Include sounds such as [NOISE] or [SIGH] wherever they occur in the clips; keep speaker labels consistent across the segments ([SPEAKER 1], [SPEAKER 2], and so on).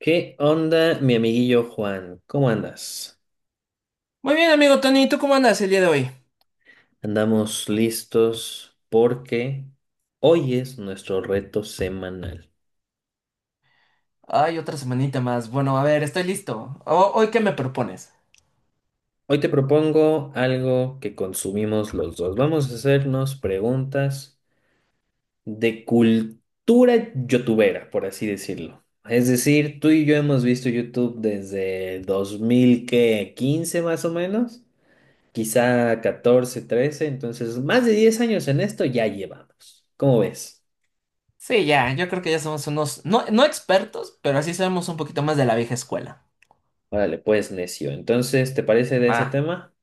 [SPEAKER 1] ¿Qué onda, mi amiguillo Juan? ¿Cómo andas?
[SPEAKER 2] Muy bien, amigo Tony, ¿tú cómo andas el día de hoy?
[SPEAKER 1] Andamos listos porque hoy es nuestro reto semanal.
[SPEAKER 2] Ay, otra semanita más. Bueno, a ver, estoy listo. ¿Hoy qué me propones?
[SPEAKER 1] Hoy te propongo algo que consumimos los dos. Vamos a hacernos preguntas de cultura youtubera, por así decirlo. Es decir, tú y yo hemos visto YouTube desde 2015 más o menos, quizá 14, 13, entonces más de 10 años en esto ya llevamos. ¿Cómo ves?
[SPEAKER 2] Sí, ya, yo creo que ya somos unos, no, no expertos, pero así sabemos un poquito más de la vieja escuela.
[SPEAKER 1] Órale, pues, necio. Entonces, ¿te parece de ese
[SPEAKER 2] Ah.
[SPEAKER 1] tema?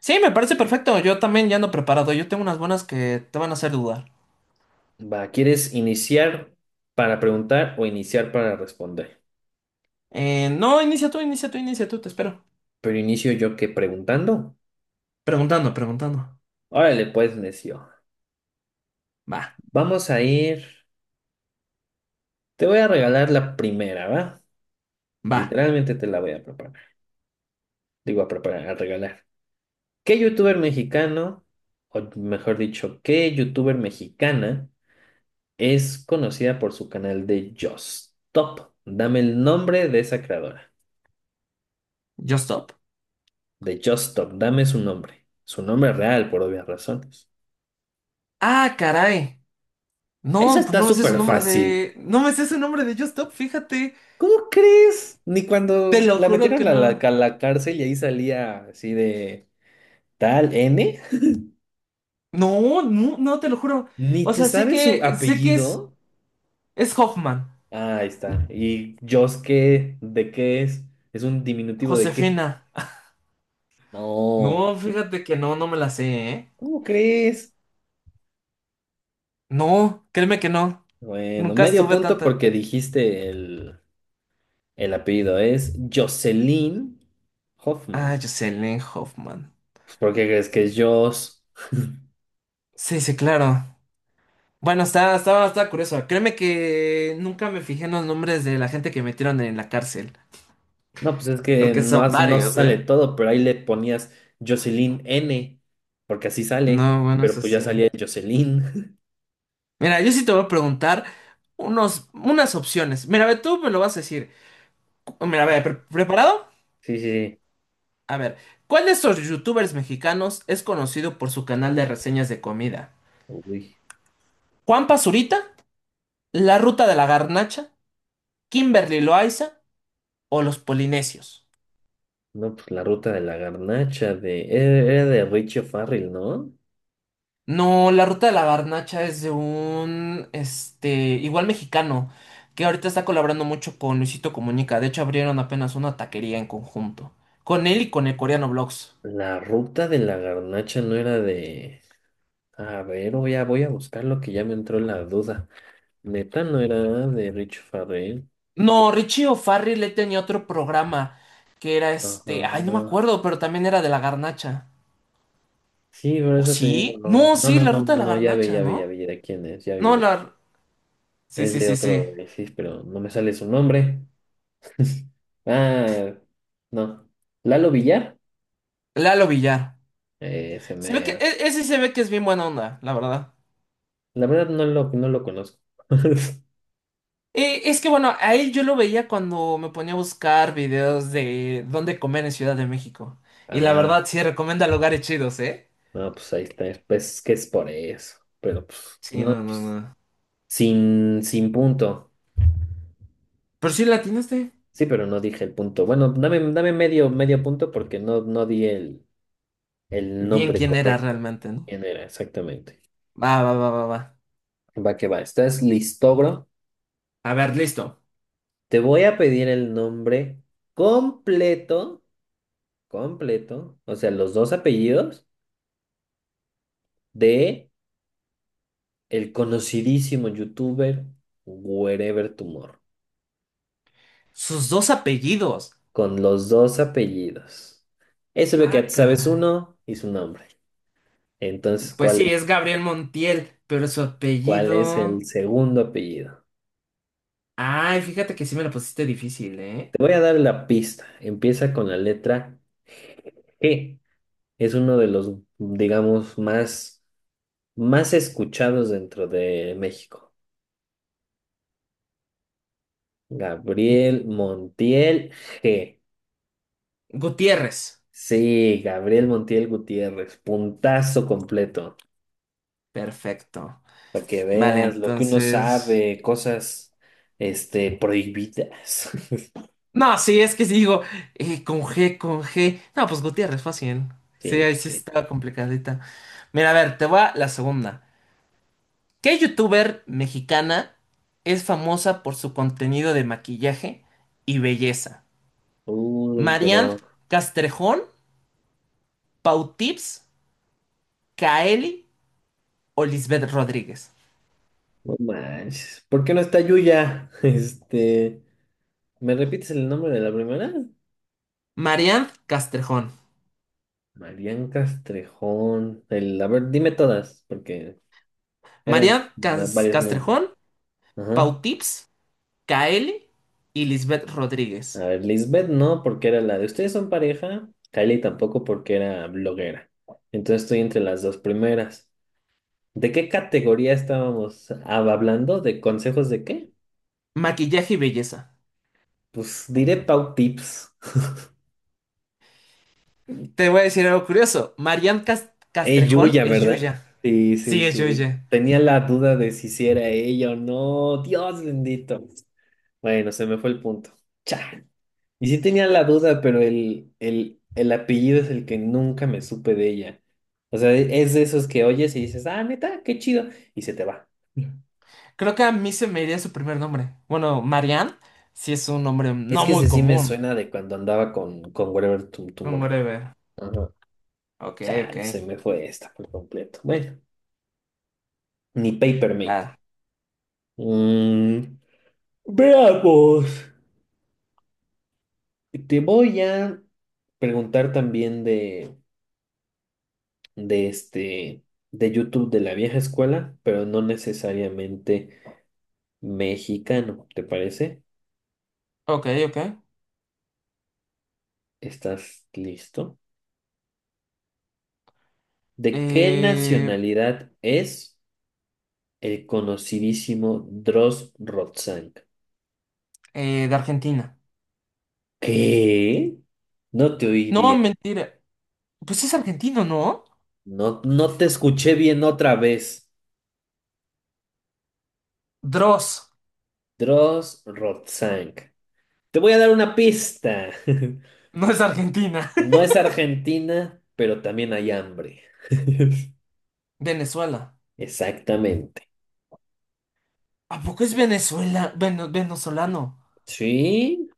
[SPEAKER 2] Sí, me parece perfecto. Yo también ya ando preparado. Yo tengo unas buenas que te van a hacer dudar.
[SPEAKER 1] Va, ¿quieres iniciar para preguntar o iniciar para responder?
[SPEAKER 2] No, inicia tú, inicia tú, inicia tú, te espero.
[SPEAKER 1] Pero inicio yo que preguntando.
[SPEAKER 2] Preguntando, preguntando.
[SPEAKER 1] Órale, pues, necio.
[SPEAKER 2] Va,
[SPEAKER 1] Vamos a ir. Te voy a regalar la primera, ¿va?
[SPEAKER 2] va,
[SPEAKER 1] Literalmente te la voy a preparar. Digo, a preparar, a regalar. ¿Qué youtuber mexicano, o mejor dicho, qué youtuber mexicana es conocida por su canal de Just Top? Dame el nombre de esa creadora.
[SPEAKER 2] yo stop.
[SPEAKER 1] De Just Stop. Dame su nombre. Su nombre real, por obvias razones.
[SPEAKER 2] Ah, caray.
[SPEAKER 1] Esa
[SPEAKER 2] No, pues
[SPEAKER 1] está
[SPEAKER 2] no me sé su
[SPEAKER 1] súper
[SPEAKER 2] nombre
[SPEAKER 1] fácil.
[SPEAKER 2] de... No me sé su nombre de Yo Stop, fíjate.
[SPEAKER 1] ¿Cómo crees? Ni
[SPEAKER 2] Te
[SPEAKER 1] cuando
[SPEAKER 2] lo
[SPEAKER 1] la
[SPEAKER 2] juro que
[SPEAKER 1] metieron a la,
[SPEAKER 2] no.
[SPEAKER 1] a la cárcel y ahí salía así de tal N.
[SPEAKER 2] No, no, no, te lo juro.
[SPEAKER 1] Ni
[SPEAKER 2] O
[SPEAKER 1] te
[SPEAKER 2] sea, sé
[SPEAKER 1] sabes su
[SPEAKER 2] que, sé que
[SPEAKER 1] apellido.
[SPEAKER 2] es Hoffman.
[SPEAKER 1] Ah, ahí está. ¿Y Just qué? ¿De qué es? ¿Es un diminutivo de qué?
[SPEAKER 2] Josefina.
[SPEAKER 1] No.
[SPEAKER 2] No, fíjate que no, no me la sé, ¿eh?
[SPEAKER 1] ¿Cómo crees?
[SPEAKER 2] No, créeme que no.
[SPEAKER 1] Bueno,
[SPEAKER 2] Nunca
[SPEAKER 1] medio
[SPEAKER 2] estuve
[SPEAKER 1] punto
[SPEAKER 2] tanta.
[SPEAKER 1] porque dijiste el apellido. Es Jocelyn
[SPEAKER 2] Ah,
[SPEAKER 1] Hoffman.
[SPEAKER 2] Jocelyn Hoffman.
[SPEAKER 1] ¿Por qué crees que es Joss?
[SPEAKER 2] Sí, sí, claro. Bueno, estaba curioso. Créeme que nunca me fijé en los nombres de la gente que metieron en la cárcel.
[SPEAKER 1] No, pues es que
[SPEAKER 2] Porque
[SPEAKER 1] no,
[SPEAKER 2] son
[SPEAKER 1] no
[SPEAKER 2] varios,
[SPEAKER 1] sale
[SPEAKER 2] ¿eh?
[SPEAKER 1] todo, pero ahí le ponías Jocelyn N, porque así sale,
[SPEAKER 2] No, bueno,
[SPEAKER 1] pero
[SPEAKER 2] eso
[SPEAKER 1] pues ya
[SPEAKER 2] sí.
[SPEAKER 1] salía Jocelyn. [LAUGHS]
[SPEAKER 2] Mira, yo sí te voy a preguntar unos, unas opciones. Mira, a ver, tú me lo vas a decir. Mira, a
[SPEAKER 1] A
[SPEAKER 2] ver,
[SPEAKER 1] ver.
[SPEAKER 2] ¿preparado?
[SPEAKER 1] Sí, sí, sí.
[SPEAKER 2] A ver, ¿cuál de estos youtubers mexicanos es conocido por su canal de reseñas de comida?
[SPEAKER 1] Uy,
[SPEAKER 2] ¿Juan Pazurita? ¿La Ruta de la Garnacha? ¿Kimberly Loaiza? ¿O los Polinesios?
[SPEAKER 1] no, pues la ruta de la garnacha de... Era de Richie O'Farrell, ¿no?
[SPEAKER 2] No, la Ruta de la Garnacha es de un, este, igual mexicano, que ahorita está colaborando mucho con Luisito Comunica. De hecho, abrieron apenas una taquería en conjunto, con él y con el coreano Vlogs.
[SPEAKER 1] La ruta de la garnacha no era de... A ver, voy a buscar lo que ya me entró la duda. Neta no era de Richie Farrell.
[SPEAKER 2] No, Richie O'Farrill le tenía otro programa que era este, ay, no me
[SPEAKER 1] Ajá.
[SPEAKER 2] acuerdo, pero también era de la Garnacha.
[SPEAKER 1] Sí, por
[SPEAKER 2] ¿O
[SPEAKER 1] eso te digo,
[SPEAKER 2] sí?
[SPEAKER 1] no,
[SPEAKER 2] No,
[SPEAKER 1] no,
[SPEAKER 2] sí,
[SPEAKER 1] no,
[SPEAKER 2] la
[SPEAKER 1] no,
[SPEAKER 2] ruta de la
[SPEAKER 1] no, ya vi,
[SPEAKER 2] garnacha,
[SPEAKER 1] ya vi, ya
[SPEAKER 2] ¿no?
[SPEAKER 1] vi de quién es,
[SPEAKER 2] No, la... Sí,
[SPEAKER 1] es
[SPEAKER 2] sí,
[SPEAKER 1] de
[SPEAKER 2] sí, sí.
[SPEAKER 1] otro, sí, pero no me sale su nombre. [LAUGHS] Ah, no. Lalo Villar,
[SPEAKER 2] Lalo Villar.
[SPEAKER 1] ese
[SPEAKER 2] Se ve que...
[SPEAKER 1] mero.
[SPEAKER 2] Ese se ve que es bien buena onda, la verdad.
[SPEAKER 1] La verdad no lo conozco. [LAUGHS]
[SPEAKER 2] Es que bueno, a él yo lo veía cuando me ponía a buscar videos de dónde comer en Ciudad de México. Y la
[SPEAKER 1] Ah,
[SPEAKER 2] verdad sí recomienda lugares chidos, ¿eh?
[SPEAKER 1] no, pues ahí está, pues que es por eso, pero pues,
[SPEAKER 2] Sí,
[SPEAKER 1] no,
[SPEAKER 2] no, no,
[SPEAKER 1] pues,
[SPEAKER 2] no.
[SPEAKER 1] sin punto.
[SPEAKER 2] Pero sí latinaste.
[SPEAKER 1] Sí, pero no dije el punto. Bueno, dame medio punto porque no di el
[SPEAKER 2] Bien
[SPEAKER 1] nombre
[SPEAKER 2] quién era
[SPEAKER 1] correcto de
[SPEAKER 2] realmente,
[SPEAKER 1] de
[SPEAKER 2] ¿no?
[SPEAKER 1] quién era exactamente.
[SPEAKER 2] Va, va, va, va, va.
[SPEAKER 1] Va que va, ¿estás listogro?
[SPEAKER 2] A ver, listo.
[SPEAKER 1] Te voy a pedir el nombre completo, completo, o sea, los dos apellidos de el conocidísimo youtuber Wherever Tumor,
[SPEAKER 2] Sus dos apellidos.
[SPEAKER 1] con los dos apellidos. Eso es lo que
[SPEAKER 2] Ah,
[SPEAKER 1] ya te sabes
[SPEAKER 2] caray.
[SPEAKER 1] uno y su nombre. Entonces,
[SPEAKER 2] Pues sí, es Gabriel Montiel, pero su
[SPEAKER 1] cuál es
[SPEAKER 2] apellido...
[SPEAKER 1] el segundo apellido?
[SPEAKER 2] Ay, fíjate que sí me lo pusiste difícil, ¿eh?
[SPEAKER 1] Te voy a dar la pista. Empieza con la letra G. Es uno de los, digamos, más escuchados dentro de México. Gabriel Montiel G.
[SPEAKER 2] Gutiérrez.
[SPEAKER 1] Sí, Gabriel Montiel Gutiérrez, puntazo completo,
[SPEAKER 2] Perfecto.
[SPEAKER 1] para que
[SPEAKER 2] Vale,
[SPEAKER 1] veas lo que uno
[SPEAKER 2] entonces...
[SPEAKER 1] sabe, cosas, este, prohibidas. [LAUGHS]
[SPEAKER 2] No, sí, es que sí digo, con G. No, pues Gutiérrez, fácil. Sí,
[SPEAKER 1] Sí,
[SPEAKER 2] ahí
[SPEAKER 1] pues
[SPEAKER 2] sí
[SPEAKER 1] sí.
[SPEAKER 2] estaba complicadita. Mira, a ver, te va la segunda. ¿Qué youtuber mexicana es famosa por su contenido de maquillaje y belleza?
[SPEAKER 1] Uy,
[SPEAKER 2] ¿Marianne
[SPEAKER 1] pero
[SPEAKER 2] Castrejón, Pautips, Kaeli o Lisbeth Rodríguez.
[SPEAKER 1] no manches. ¿Por qué no está Yuya? [LAUGHS] Este, ¿me repites el nombre de la primera?
[SPEAKER 2] Marianne Castrejón.
[SPEAKER 1] Marian Castrejón. El, a ver, dime todas, porque eran varios nombres.
[SPEAKER 2] Castrejón, Pau
[SPEAKER 1] Ajá.
[SPEAKER 2] Tips, Kaeli y Lisbeth
[SPEAKER 1] A
[SPEAKER 2] Rodríguez.
[SPEAKER 1] ver, Lisbeth no, porque era la de ustedes son pareja. Kylie tampoco, porque era bloguera. Entonces estoy entre las dos primeras. ¿De qué categoría estábamos hablando? ¿De consejos de qué?
[SPEAKER 2] Maquillaje y belleza.
[SPEAKER 1] Pues diré Pau Tips. [LAUGHS]
[SPEAKER 2] Te voy a decir algo curioso.
[SPEAKER 1] Es
[SPEAKER 2] Castrejón
[SPEAKER 1] Yuya,
[SPEAKER 2] es
[SPEAKER 1] ¿verdad?
[SPEAKER 2] Yuya.
[SPEAKER 1] Sí, sí,
[SPEAKER 2] Sí, es
[SPEAKER 1] sí.
[SPEAKER 2] Yuya.
[SPEAKER 1] Tenía la duda de si sí era ella o no. Dios bendito. Bueno, se me fue el punto. Cha. Y sí tenía la duda, pero el apellido es el que nunca me supe de ella. O sea, es de esos que oyes y dices, ah, neta, qué chido, y se te va.
[SPEAKER 2] Creo que a mí se me iría su primer nombre. Bueno, Marianne sí es un nombre
[SPEAKER 1] Es
[SPEAKER 2] no
[SPEAKER 1] que ese
[SPEAKER 2] muy
[SPEAKER 1] sí me
[SPEAKER 2] común.
[SPEAKER 1] suena de cuando andaba con Whatever
[SPEAKER 2] Un
[SPEAKER 1] Tomorrow.
[SPEAKER 2] whatever.
[SPEAKER 1] Ajá.
[SPEAKER 2] Ok, ok.
[SPEAKER 1] Chale, se me fue esta por completo. Bueno, ni Papermate.
[SPEAKER 2] Ah.
[SPEAKER 1] Mm, veamos. Te voy a preguntar también de este, de YouTube de la vieja escuela, pero no necesariamente mexicano, ¿te parece?
[SPEAKER 2] Ok, ok.
[SPEAKER 1] ¿Estás listo? ¿De qué
[SPEAKER 2] Eh,
[SPEAKER 1] nacionalidad es el conocidísimo Dross Rotzank?
[SPEAKER 2] de Argentina.
[SPEAKER 1] ¿Qué? No te oí
[SPEAKER 2] No,
[SPEAKER 1] bien.
[SPEAKER 2] mentira. Pues es argentino, ¿no?
[SPEAKER 1] No, no te escuché bien otra vez.
[SPEAKER 2] Dross
[SPEAKER 1] Dross Rotzank. Te voy a dar una pista. [LAUGHS]
[SPEAKER 2] no es Argentina.
[SPEAKER 1] No es Argentina, pero también hay hambre. [LAUGHS]
[SPEAKER 2] [LAUGHS] Venezuela.
[SPEAKER 1] Exactamente.
[SPEAKER 2] ¿A poco es Venezuela? Venezolano.
[SPEAKER 1] Sí,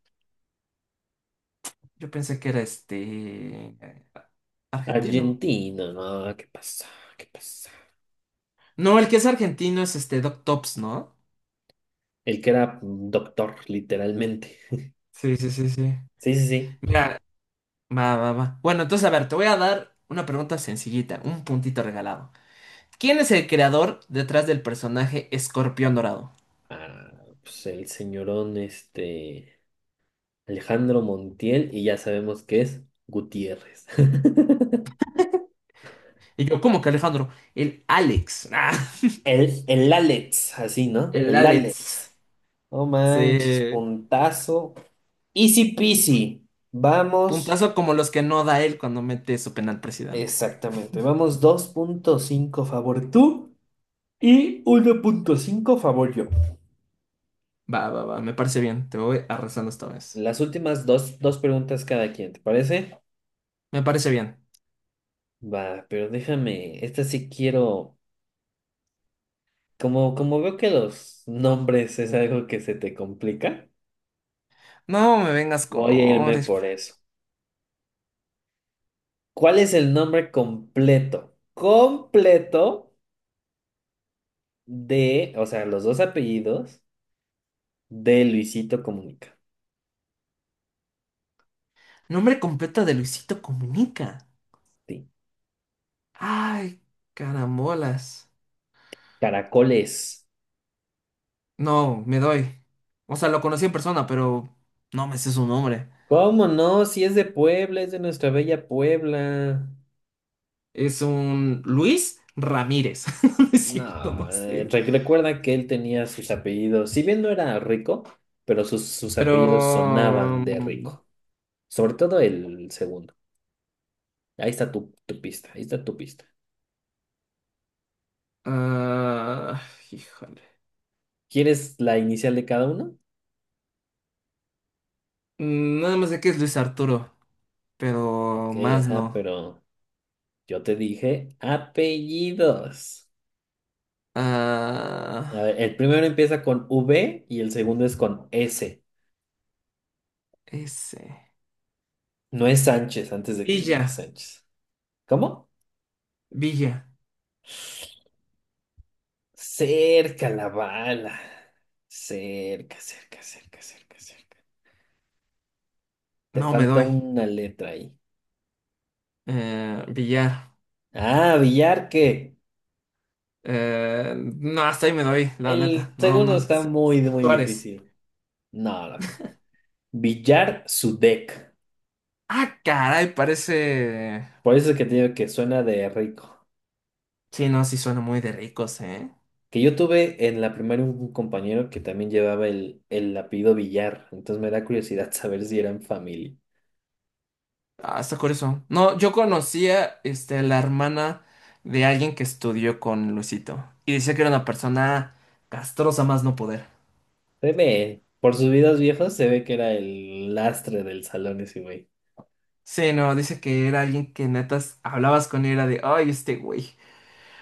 [SPEAKER 2] Yo pensé que era este... Argentino.
[SPEAKER 1] Argentina. No, ¿qué pasa? ¿Qué pasa?
[SPEAKER 2] No, el que es argentino es este Doc Tops, ¿no?
[SPEAKER 1] El que era doctor, literalmente. [LAUGHS]
[SPEAKER 2] Sí, sí, sí, sí.
[SPEAKER 1] Sí, sí, sí.
[SPEAKER 2] Mira, va, va, va. Bueno, entonces, a ver, te voy a dar una pregunta sencillita, un puntito regalado. ¿Quién es el creador detrás del personaje Escorpión Dorado?
[SPEAKER 1] Ah, pues el señorón, este, Alejandro Montiel, y ya sabemos que es Gutiérrez. [LAUGHS]
[SPEAKER 2] Y yo, ¿cómo que Alejandro? El Alex. [LAUGHS] Ah,
[SPEAKER 1] El Alex, así, ¿no?
[SPEAKER 2] el
[SPEAKER 1] El
[SPEAKER 2] Alex.
[SPEAKER 1] Alex. No manches,
[SPEAKER 2] Sí.
[SPEAKER 1] puntazo. Easy peasy. Vamos,
[SPEAKER 2] Puntazo como los que no da él cuando mete su penal presidente.
[SPEAKER 1] exactamente, vamos 2.5 favor tú y 1.5 favor yo.
[SPEAKER 2] Va, va, va, me parece bien. Te voy arrasando esta vez.
[SPEAKER 1] Las últimas dos preguntas cada quien, ¿te parece?
[SPEAKER 2] Me parece bien.
[SPEAKER 1] Va, pero déjame, esta sí quiero, como veo que los nombres es algo que se te complica,
[SPEAKER 2] No me vengas con
[SPEAKER 1] voy a irme
[SPEAKER 2] honores.
[SPEAKER 1] por eso. ¿Cuál es el nombre completo? Completo de, o sea, los dos apellidos de Luisito Comunica.
[SPEAKER 2] Nombre completo de Luisito Comunica.
[SPEAKER 1] Sí.
[SPEAKER 2] Ay, carambolas.
[SPEAKER 1] Caracoles.
[SPEAKER 2] No, me doy. O sea, lo conocí en persona, pero no me sé su nombre.
[SPEAKER 1] ¿Cómo no? Si es de Puebla, es de nuestra bella Puebla.
[SPEAKER 2] Es un Luis Ramírez. [LAUGHS] No es cierto,
[SPEAKER 1] No,
[SPEAKER 2] no sé.
[SPEAKER 1] recuerda que él tenía sus apellidos, si bien no era rico, pero sus apellidos
[SPEAKER 2] Pero...
[SPEAKER 1] sonaban de
[SPEAKER 2] mm,
[SPEAKER 1] rico. Sobre todo el segundo. Ahí está tu pista, ahí está tu pista.
[SPEAKER 2] ah, híjole.
[SPEAKER 1] ¿Quieres la inicial de cada uno?
[SPEAKER 2] Nada más de que es Luis Arturo. Pero
[SPEAKER 1] Ok,
[SPEAKER 2] más
[SPEAKER 1] ajá,
[SPEAKER 2] no.
[SPEAKER 1] pero yo te dije apellidos.
[SPEAKER 2] Ah,
[SPEAKER 1] A ver, el primero empieza con V y el segundo es con S.
[SPEAKER 2] ese.
[SPEAKER 1] No es Sánchez, antes de que digas
[SPEAKER 2] Villa,
[SPEAKER 1] Sánchez. ¿Cómo?
[SPEAKER 2] Villa.
[SPEAKER 1] Cerca la bala. Cerca, cerca, cerca, cerca, cerca. Te
[SPEAKER 2] No me
[SPEAKER 1] falta
[SPEAKER 2] doy.
[SPEAKER 1] una letra ahí.
[SPEAKER 2] Villar.
[SPEAKER 1] Ah, Villarque.
[SPEAKER 2] No, hasta ahí me doy, la
[SPEAKER 1] El
[SPEAKER 2] neta. No,
[SPEAKER 1] segundo
[SPEAKER 2] no.
[SPEAKER 1] está muy, muy
[SPEAKER 2] Suárez.
[SPEAKER 1] difícil. No, no. Villar Sudek.
[SPEAKER 2] Ah, caray, parece.
[SPEAKER 1] Por eso es que te digo que suena de rico.
[SPEAKER 2] Sí, no, sí suena muy de ricos, ¿eh?
[SPEAKER 1] Que yo tuve en la primaria un compañero que también llevaba el apellido Villar. Entonces me da curiosidad [LAUGHS] saber si eran familia.
[SPEAKER 2] Ah, está curioso. No, yo conocía este, la hermana de alguien que estudió con Luisito. Y decía que era una persona castrosa más no poder.
[SPEAKER 1] Se ve, por sus videos viejos se ve que era el lastre del salón ese güey.
[SPEAKER 2] Sí, no, dice que era alguien que netas hablabas con y era de, ay, este güey.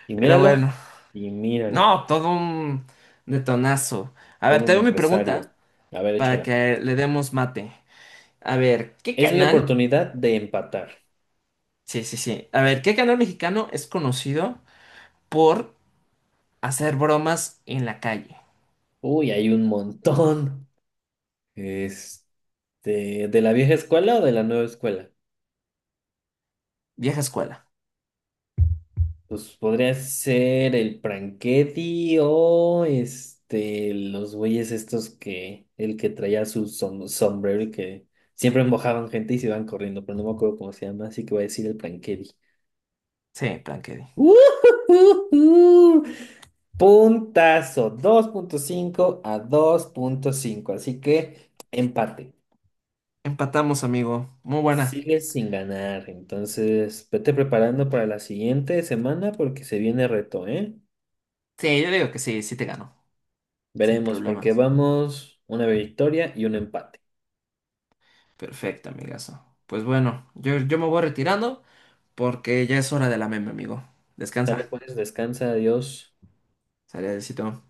[SPEAKER 1] Y
[SPEAKER 2] Pero
[SPEAKER 1] míralo,
[SPEAKER 2] bueno,
[SPEAKER 1] y míralo.
[SPEAKER 2] no, todo un detonazo. A ver,
[SPEAKER 1] Todo
[SPEAKER 2] te
[SPEAKER 1] un
[SPEAKER 2] doy mi
[SPEAKER 1] empresario.
[SPEAKER 2] pregunta
[SPEAKER 1] A ver,
[SPEAKER 2] para
[SPEAKER 1] échala.
[SPEAKER 2] que le demos mate. A ver, ¿qué
[SPEAKER 1] Es mi
[SPEAKER 2] canal?
[SPEAKER 1] oportunidad de empatar.
[SPEAKER 2] Sí, sí, sí. A ver, ¿qué canal mexicano es conocido por hacer bromas en la calle?
[SPEAKER 1] Uy, hay un montón. Este, ¿de la vieja escuela o de la nueva escuela?
[SPEAKER 2] Vieja escuela.
[SPEAKER 1] Pues podría ser el Franchetti o este, los güeyes estos que, el que traía su sombrero y que siempre mojaban gente y se iban corriendo, pero no me acuerdo cómo se llama, así que voy a decir el Franchetti.
[SPEAKER 2] Sí, Plankedi.
[SPEAKER 1] ¡Ujujuju! [LAUGHS] Puntazo, 2.5 a 2.5 así que empate.
[SPEAKER 2] Empatamos, amigo. Muy buena.
[SPEAKER 1] Sigues sin ganar, entonces vete preparando para la siguiente semana porque se viene reto, ¿eh?
[SPEAKER 2] Sí, yo digo que sí, sí te ganó. Sin
[SPEAKER 1] Veremos, porque
[SPEAKER 2] problemas.
[SPEAKER 1] vamos una victoria y un empate.
[SPEAKER 2] Perfecto, amigazo. Pues bueno, yo me voy retirando porque ya es hora de la meme, amigo.
[SPEAKER 1] Sale
[SPEAKER 2] Descansa.
[SPEAKER 1] pues, descansa, adiós.
[SPEAKER 2] Sale, besito.